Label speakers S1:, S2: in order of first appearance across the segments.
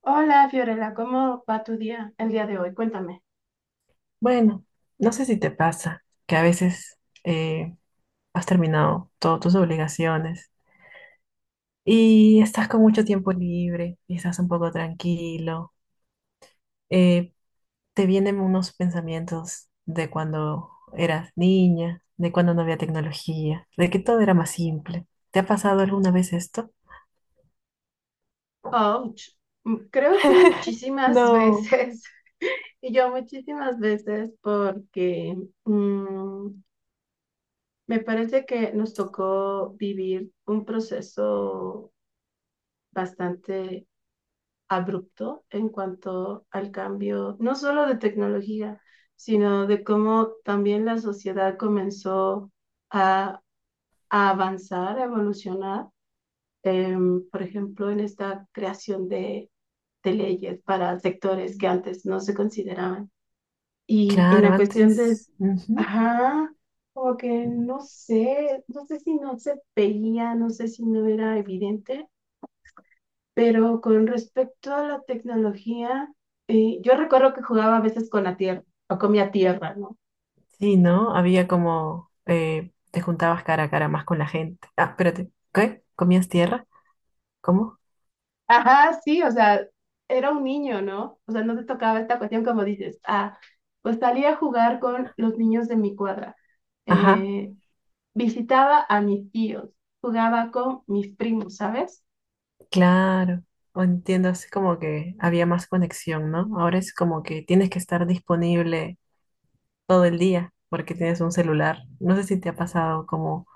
S1: Hola Fiorella, ¿cómo va tu día el día de hoy? Cuéntame.
S2: Bueno, no sé si te pasa que a veces eh, has terminado todas tus obligaciones y estás con mucho tiempo libre y estás un poco tranquilo. eh, Te vienen unos pensamientos de cuando eras niña, de cuando no había tecnología, de que todo era más simple. ¿Te ha pasado alguna vez esto?
S1: Ouch. Mm, creo que muchísimas
S2: No,
S1: veces, y yo muchísimas veces, porque mm, me parece que nos tocó vivir un proceso bastante abrupto en cuanto al cambio, no solo de tecnología, sino de cómo también la sociedad comenzó a, a avanzar, a evolucionar. Por ejemplo, en esta creación de leyes para sectores que antes no se consideraban. Y en
S2: claro,
S1: la cuestión de,
S2: antes, ujú.
S1: ajá, como que no sé, no sé si no se veía, no sé si no era evidente, pero con respecto a la tecnología, yo recuerdo que jugaba a veces con la tierra o comía tierra, ¿no?
S2: Sí, ¿no? Había como, te juntabas cara a cara más con la gente. Ah, espérate, ¿qué? ¿Comías tierra? ¿Cómo?
S1: Ajá, sí, o sea, era un niño, ¿no? O sea, no te tocaba esta cuestión como dices, ah, pues salía a jugar con los niños de mi cuadra,
S2: Ajá,
S1: eh, visitaba a mis tíos, jugaba con mis primos, ¿sabes?
S2: claro. O Entiendo, así como que había más conexión, ¿no? Ahora es como que tienes que estar disponible todo el día porque tienes un celular. No sé si te ha pasado como,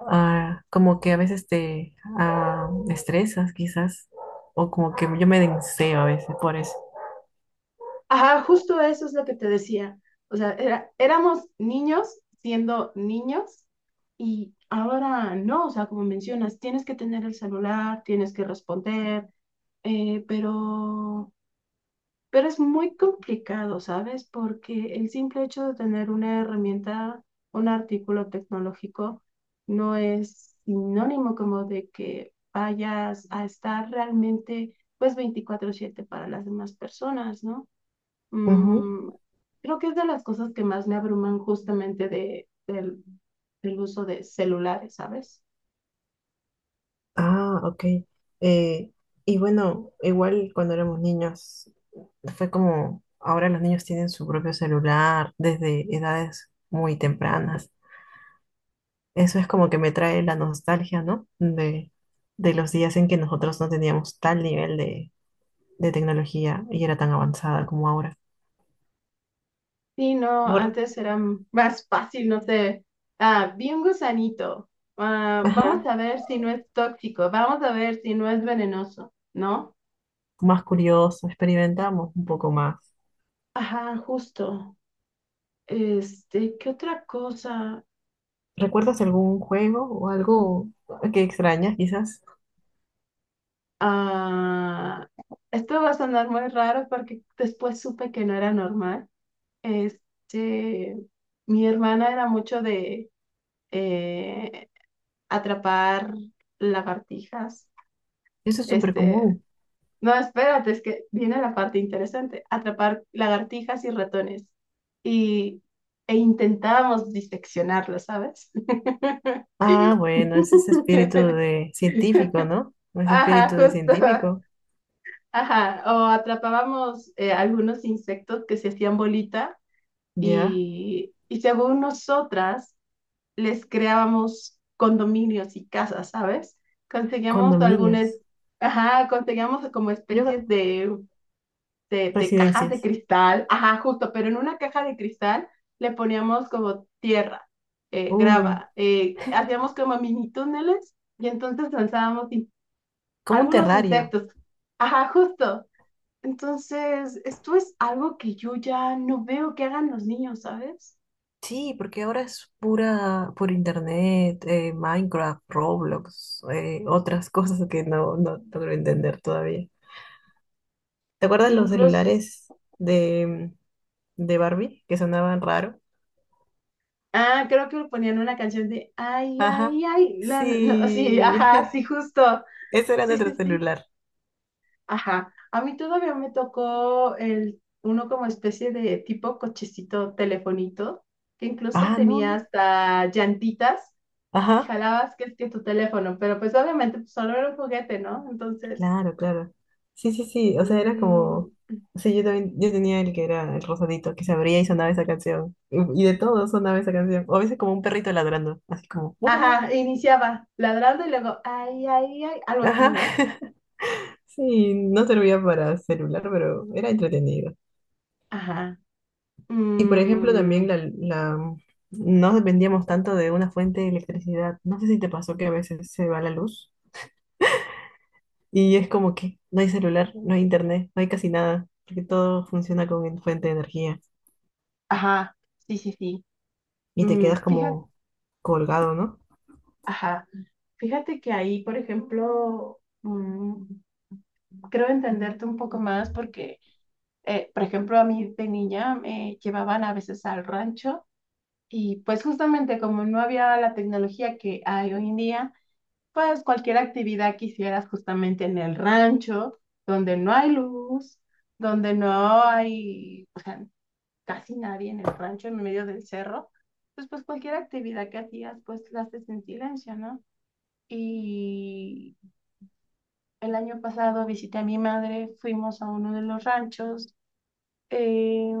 S2: como que a veces te estresas quizás o como que yo me denseo a veces por eso.
S1: Ajá, justo eso es lo que te decía. O sea, éramos niños siendo niños, y ahora no, o sea, como mencionas, tienes que tener el celular, tienes que responder, eh, pero... Pero es muy complicado, ¿sabes? Porque el simple hecho de tener una herramienta, un artículo tecnológico, no es sinónimo como de que vayas a estar realmente, pues, veinticuatro siete para las demás personas, ¿no?
S2: Ujú.
S1: Mm, creo que es de las cosas que más me abruman justamente del uso de celulares, ¿sabes?
S2: Ah, ok. Eh, y bueno, igual cuando éramos niños, fue como ahora los niños tienen su propio celular desde edades muy tempranas. Eso es como que me trae la nostalgia, ¿no? De los días en que nosotros no teníamos tal nivel de tecnología y era tan avanzada como ahora.
S1: Sí, no,
S2: Por-
S1: antes era más fácil, no sé. Ah, vi un gusanito. Ah, vamos
S2: ajá,
S1: a ver si no es tóxico, vamos a ver si no es venenoso, ¿no?
S2: más curioso, experimentamos un poco más.
S1: Ajá, justo. Este, ¿qué otra cosa?
S2: ¿Recuerdas algún juego o algo que extrañas, quizás?
S1: Ah, esto va a sonar muy raro porque después supe que no era normal. Este, mi hermana era mucho de eh, atrapar lagartijas.
S2: Eso es súper
S1: Este,
S2: común.
S1: no, espérate, es que viene la parte interesante, atrapar lagartijas y ratones. Y, E intentábamos diseccionarlos, ¿sabes?
S2: Ah, bueno, es ese espíritu de científico, ¿no? Ese
S1: Ajá,
S2: espíritu de
S1: justo.
S2: científico.
S1: Ajá, o atrapábamos algunos insectos que se hacían bolita
S2: Ya,
S1: y según nosotras les creábamos condominios y casas, ¿sabes? Conseguíamos algunas,
S2: condominios.
S1: ajá, conseguíamos como
S2: Yo,
S1: especies de de cajas de
S2: residencias.
S1: cristal, ajá, justo, pero en una caja de cristal le poníamos como tierra,
S2: Uy,
S1: grava, hacíamos como mini túneles y entonces lanzábamos
S2: como un
S1: algunos
S2: terrario.
S1: insectos, ajá, justo. Entonces, esto es algo que yo ya no veo que hagan los niños, ¿sabes?
S2: Sí, porque ahora es pura por internet, Minecraft, Roblox, otras cosas que no logro entender todavía. ¿Te acuerdas los
S1: Incluso,
S2: celulares de, de Barbie que sonaban raro?
S1: ah, creo que ponían una canción de, ay,
S2: Ajá,
S1: ay, ay, no, sí,
S2: sí.
S1: ajá, sí, justo,
S2: Ese era
S1: sí, sí,
S2: nuestro
S1: sí.
S2: celular.
S1: Ajá, a mí todavía me tocó el, uno como especie de tipo cochecito telefonito, que incluso
S2: Ah, no,
S1: tenía
S2: no.
S1: hasta llantitas y
S2: Ajá,
S1: jalabas que es que tu teléfono, pero pues obviamente pues, solo era un juguete, ¿no? Entonces,
S2: claro, claro. Sí, sí, sí, o sea, era
S1: mm,
S2: como. Sí, yo también, yo tenía el que era el rosadito, que se abría y sonaba esa canción. Y de todo sonaba esa canción. O a veces como un perrito ladrando, así como.
S1: ajá, iniciaba ladrando y luego, ay, ay, ay, algo así,
S2: Ajá.
S1: ¿no?
S2: Sí, no servía para celular, pero era entretenido.
S1: Ajá,
S2: Y por ejemplo,
S1: mm,
S2: también no dependíamos tanto de una fuente de electricidad. No sé si te pasó que a veces se va la luz y es como que no hay celular, no hay internet, no hay casi nada, porque todo funciona con fuente de energía
S1: ajá, sí, sí, sí.
S2: y te
S1: Mm,
S2: quedas
S1: fíjate,
S2: como colgado, ¿no?
S1: ajá, fíjate que ahí, por ejemplo, creo entenderte un poco más porque, por ejemplo, a mí de niña me llevaban a veces al rancho, y pues justamente como no había la tecnología que hay hoy en día, pues cualquier actividad que hicieras justamente en el rancho, donde no hay luz, donde no hay, o sea, casi nadie en el rancho, en medio del cerro, pues, pues cualquier actividad que hacías, pues la haces en silencio, ¿no? Y el año pasado visité a mi madre, fuimos a uno de los ranchos, eh,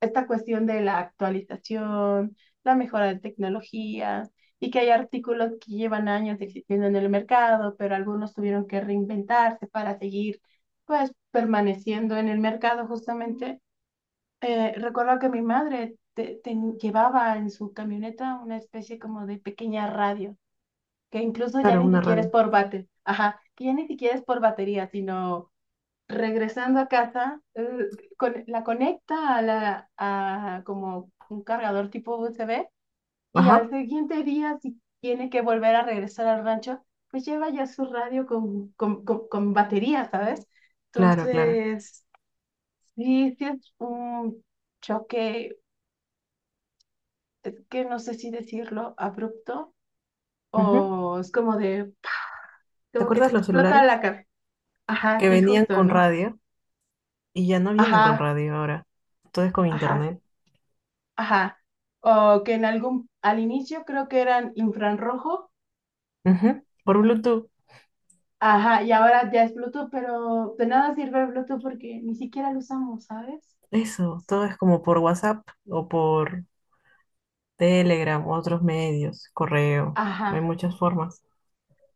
S1: esta cuestión de la actualización, la mejora de tecnologías y que hay artículos que llevan años existiendo en el mercado, pero algunos tuvieron que reinventarse para seguir pues permaneciendo en el mercado justamente. Recuerdo que mi madre llevaba en su camioneta una especie como de pequeña radio, que incluso ya
S2: Claro,
S1: ni
S2: una
S1: siquiera es
S2: radio.
S1: ajá, que ya ni siquiera es por batería, sino regresando a casa, la conecta a como un cargador tipo USB, y al
S2: Ajá,
S1: siguiente día, si tiene que volver a regresar al rancho, pues lleva ya su radio con batería, ¿sabes?
S2: claro, claro.
S1: Entonces, sí, sí es un choque, es que no sé si decirlo abrupto
S2: Ujú.
S1: o es como de, ¡pa!
S2: ¿Te
S1: Como que te
S2: acuerdas los
S1: explota la
S2: celulares
S1: cabeza. Ajá,
S2: que
S1: sí,
S2: venían
S1: justo,
S2: con
S1: ¿no?
S2: radio y ya no vienen con
S1: Ajá,
S2: radio ahora? Todo es con
S1: ajá.
S2: internet.
S1: Ajá. O que en algún, al inicio creo que eran infrarrojo.
S2: Ujú. Por Bluetooth,
S1: Ajá, y ahora ya es Bluetooth, pero de nada sirve el Bluetooth porque ni siquiera lo usamos, ¿sabes?
S2: eso, todo es como por WhatsApp o por Telegram, otros medios, correo, hay
S1: Ajá.
S2: muchas formas.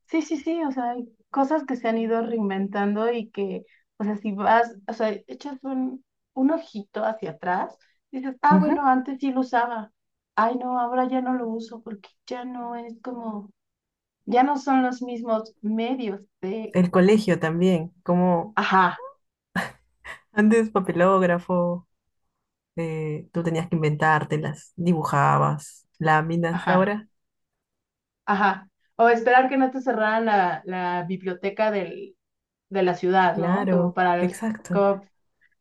S1: Sí, sí, sí, o sea, hay cosas que se han ido reinventando y que, o sea, si vas, o sea, echas un ojito hacia atrás, dices, ah, bueno,
S2: Ujú.
S1: antes sí lo usaba. Ay, no, ahora ya no lo uso porque ya no es como, ya no son los mismos medios de,
S2: El colegio también, como
S1: ajá,
S2: antes papelógrafo, tú tenías que inventártelas, dibujabas, láminas,
S1: ajá.
S2: ahora,
S1: Ajá. O esperar que no te cerraran la biblioteca del, de la ciudad, ¿no? Como
S2: claro,
S1: para,
S2: exacto,
S1: como,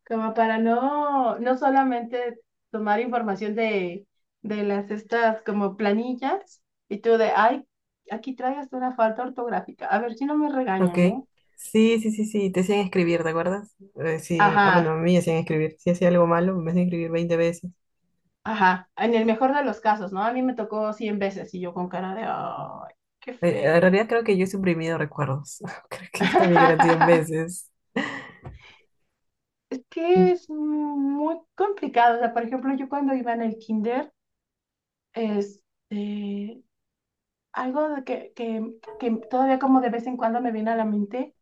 S1: como para no, no solamente tomar información de las estas como planillas y tú de, ay, aquí traes una falta ortográfica. A ver si no me
S2: ok.
S1: regañan, ¿no?
S2: Sí, sí, sí, sí, te hacían escribir, ¿te acuerdas? Sí, ah, bueno,
S1: Ajá,
S2: a mí me hacían escribir, si hacía algo malo, me hacían escribir 20 veces.
S1: ajá. En el mejor de los casos, ¿no? A mí me tocó 100 veces y yo con cara de, ay, qué
S2: En
S1: feo.
S2: realidad creo que yo he suprimido recuerdos. Creo que también eran 100 veces.
S1: Es
S2: Mm,
S1: que es muy complicado. O sea, por ejemplo, yo cuando iba en el kinder, este, algo que todavía como de vez en cuando me viene a la mente,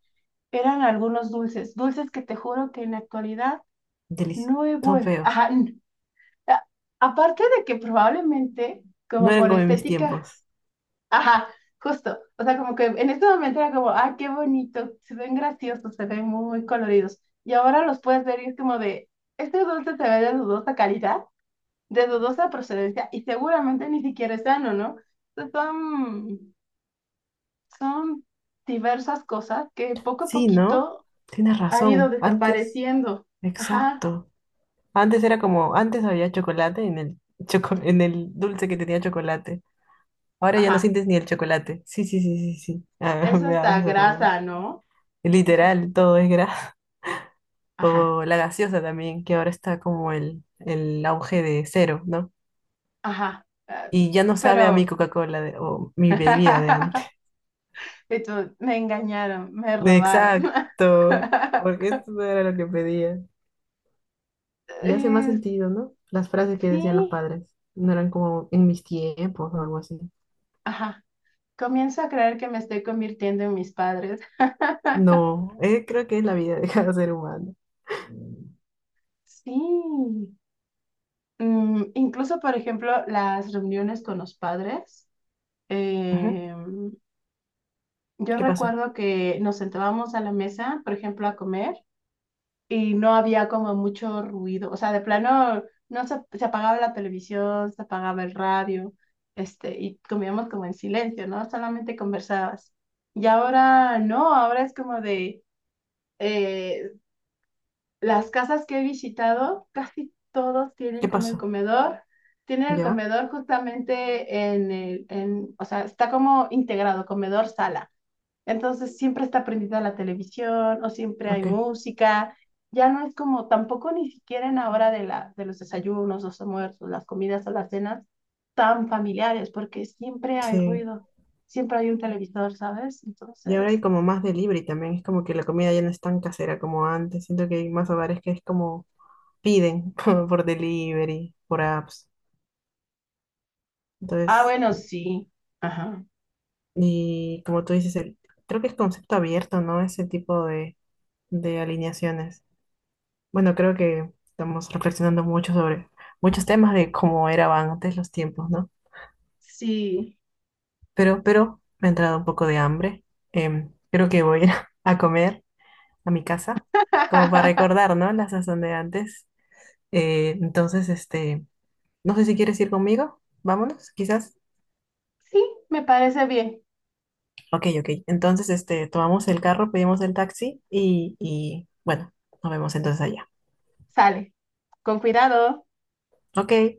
S1: eran algunos dulces, dulces que te juro que en la actualidad
S2: delici-
S1: no he
S2: Son
S1: vuelto.
S2: feos.
S1: Ajá, a- aparte de que probablemente,
S2: No
S1: como
S2: eran
S1: por
S2: como en mis
S1: estética,
S2: tiempos.
S1: ajá, justo. O sea, como que en este momento era como, ah, qué bonito, se ven graciosos, se ven muy coloridos. Y ahora los puedes ver y es como de, este dulce se ve de dudosa calidad, de dudosa procedencia y seguramente ni siquiera es sano, ¿no? Entonces, son diversas cosas que poco a
S2: Sí, ¿no?
S1: poquito
S2: Tienes
S1: han ido
S2: razón. Antes,
S1: desapareciendo. Ajá,
S2: exacto. Antes era como, antes había chocolate en el, en el dulce que tenía chocolate. Ahora ya no
S1: ajá.
S2: sientes ni el chocolate. Sí, sí, sí, sí, sí. Ah,
S1: Es
S2: me
S1: hasta
S2: haces acordar.
S1: grasa, ¿no? O sea,
S2: Literal, todo es grasa.
S1: ajá,
S2: O la gaseosa también, que ahora está como el auge de cero, ¿no?
S1: ajá.
S2: Y ya no sabe a mi
S1: Pero,
S2: Coca-Cola o mi bebida de antes.
S1: y tú, me engañaron, me robaron.
S2: Exacto, porque esto no era lo que pedía. Y hace más
S1: Es-
S2: sentido, ¿no? Las frases que decían los
S1: sí,
S2: padres no eran como en mis tiempos o algo así.
S1: ajá. Comienzo a creer que me estoy convirtiendo en mis padres.
S2: No, creo que es la vida de cada ser humano.
S1: Sí. Mm, incluso, por ejemplo, las reuniones con los padres.
S2: Ujú.
S1: eh, yo
S2: ¿Qué pasa?
S1: recuerdo que nos sentábamos a la mesa, por ejemplo, a comer y no había como mucho ruido. O sea, de plano, no se, se apagaba la televisión, se apagaba el radio, este, y comíamos como en silencio, ¿no? Solamente conversabas. Y ahora no, ahora es como de, eh, las casas que he visitado, casi todos tienen
S2: ¿Qué
S1: como el
S2: pasó?
S1: comedor. Tienen el
S2: ¿Ya?
S1: comedor justamente o sea, está como integrado, comedor-sala. Entonces siempre está prendida la televisión o siempre hay
S2: Ok,
S1: música. Ya no es como tampoco ni siquiera en la hora de los desayunos, los almuerzos, las comidas o las cenas tan familiares, porque siempre hay
S2: sí.
S1: ruido, siempre hay un televisor, ¿sabes?
S2: Y ahora hay
S1: Entonces,
S2: como más delivery también. Es como que la comida ya no es tan casera como antes. Siento que hay más hogares que es como piden por delivery, por apps.
S1: ah,
S2: Entonces,
S1: bueno, sí, ajá,
S2: y como tú dices, el, creo que es concepto abierto, ¿no? Ese tipo de alineaciones. Bueno, creo que estamos reflexionando mucho sobre muchos temas de cómo eran antes los tiempos, ¿no?
S1: sí.
S2: Pero me ha entrado un poco de hambre. Creo que voy a ir a comer a mi casa, como para recordar, ¿no? La sazón de antes. Entonces, este, no sé si quieres ir conmigo. Vámonos, quizás.
S1: Sí, me parece bien.
S2: Ok, ok. Entonces, este, tomamos el carro, pedimos el taxi y bueno, nos vemos entonces allá.
S1: Sale. Con cuidado.
S2: Ok,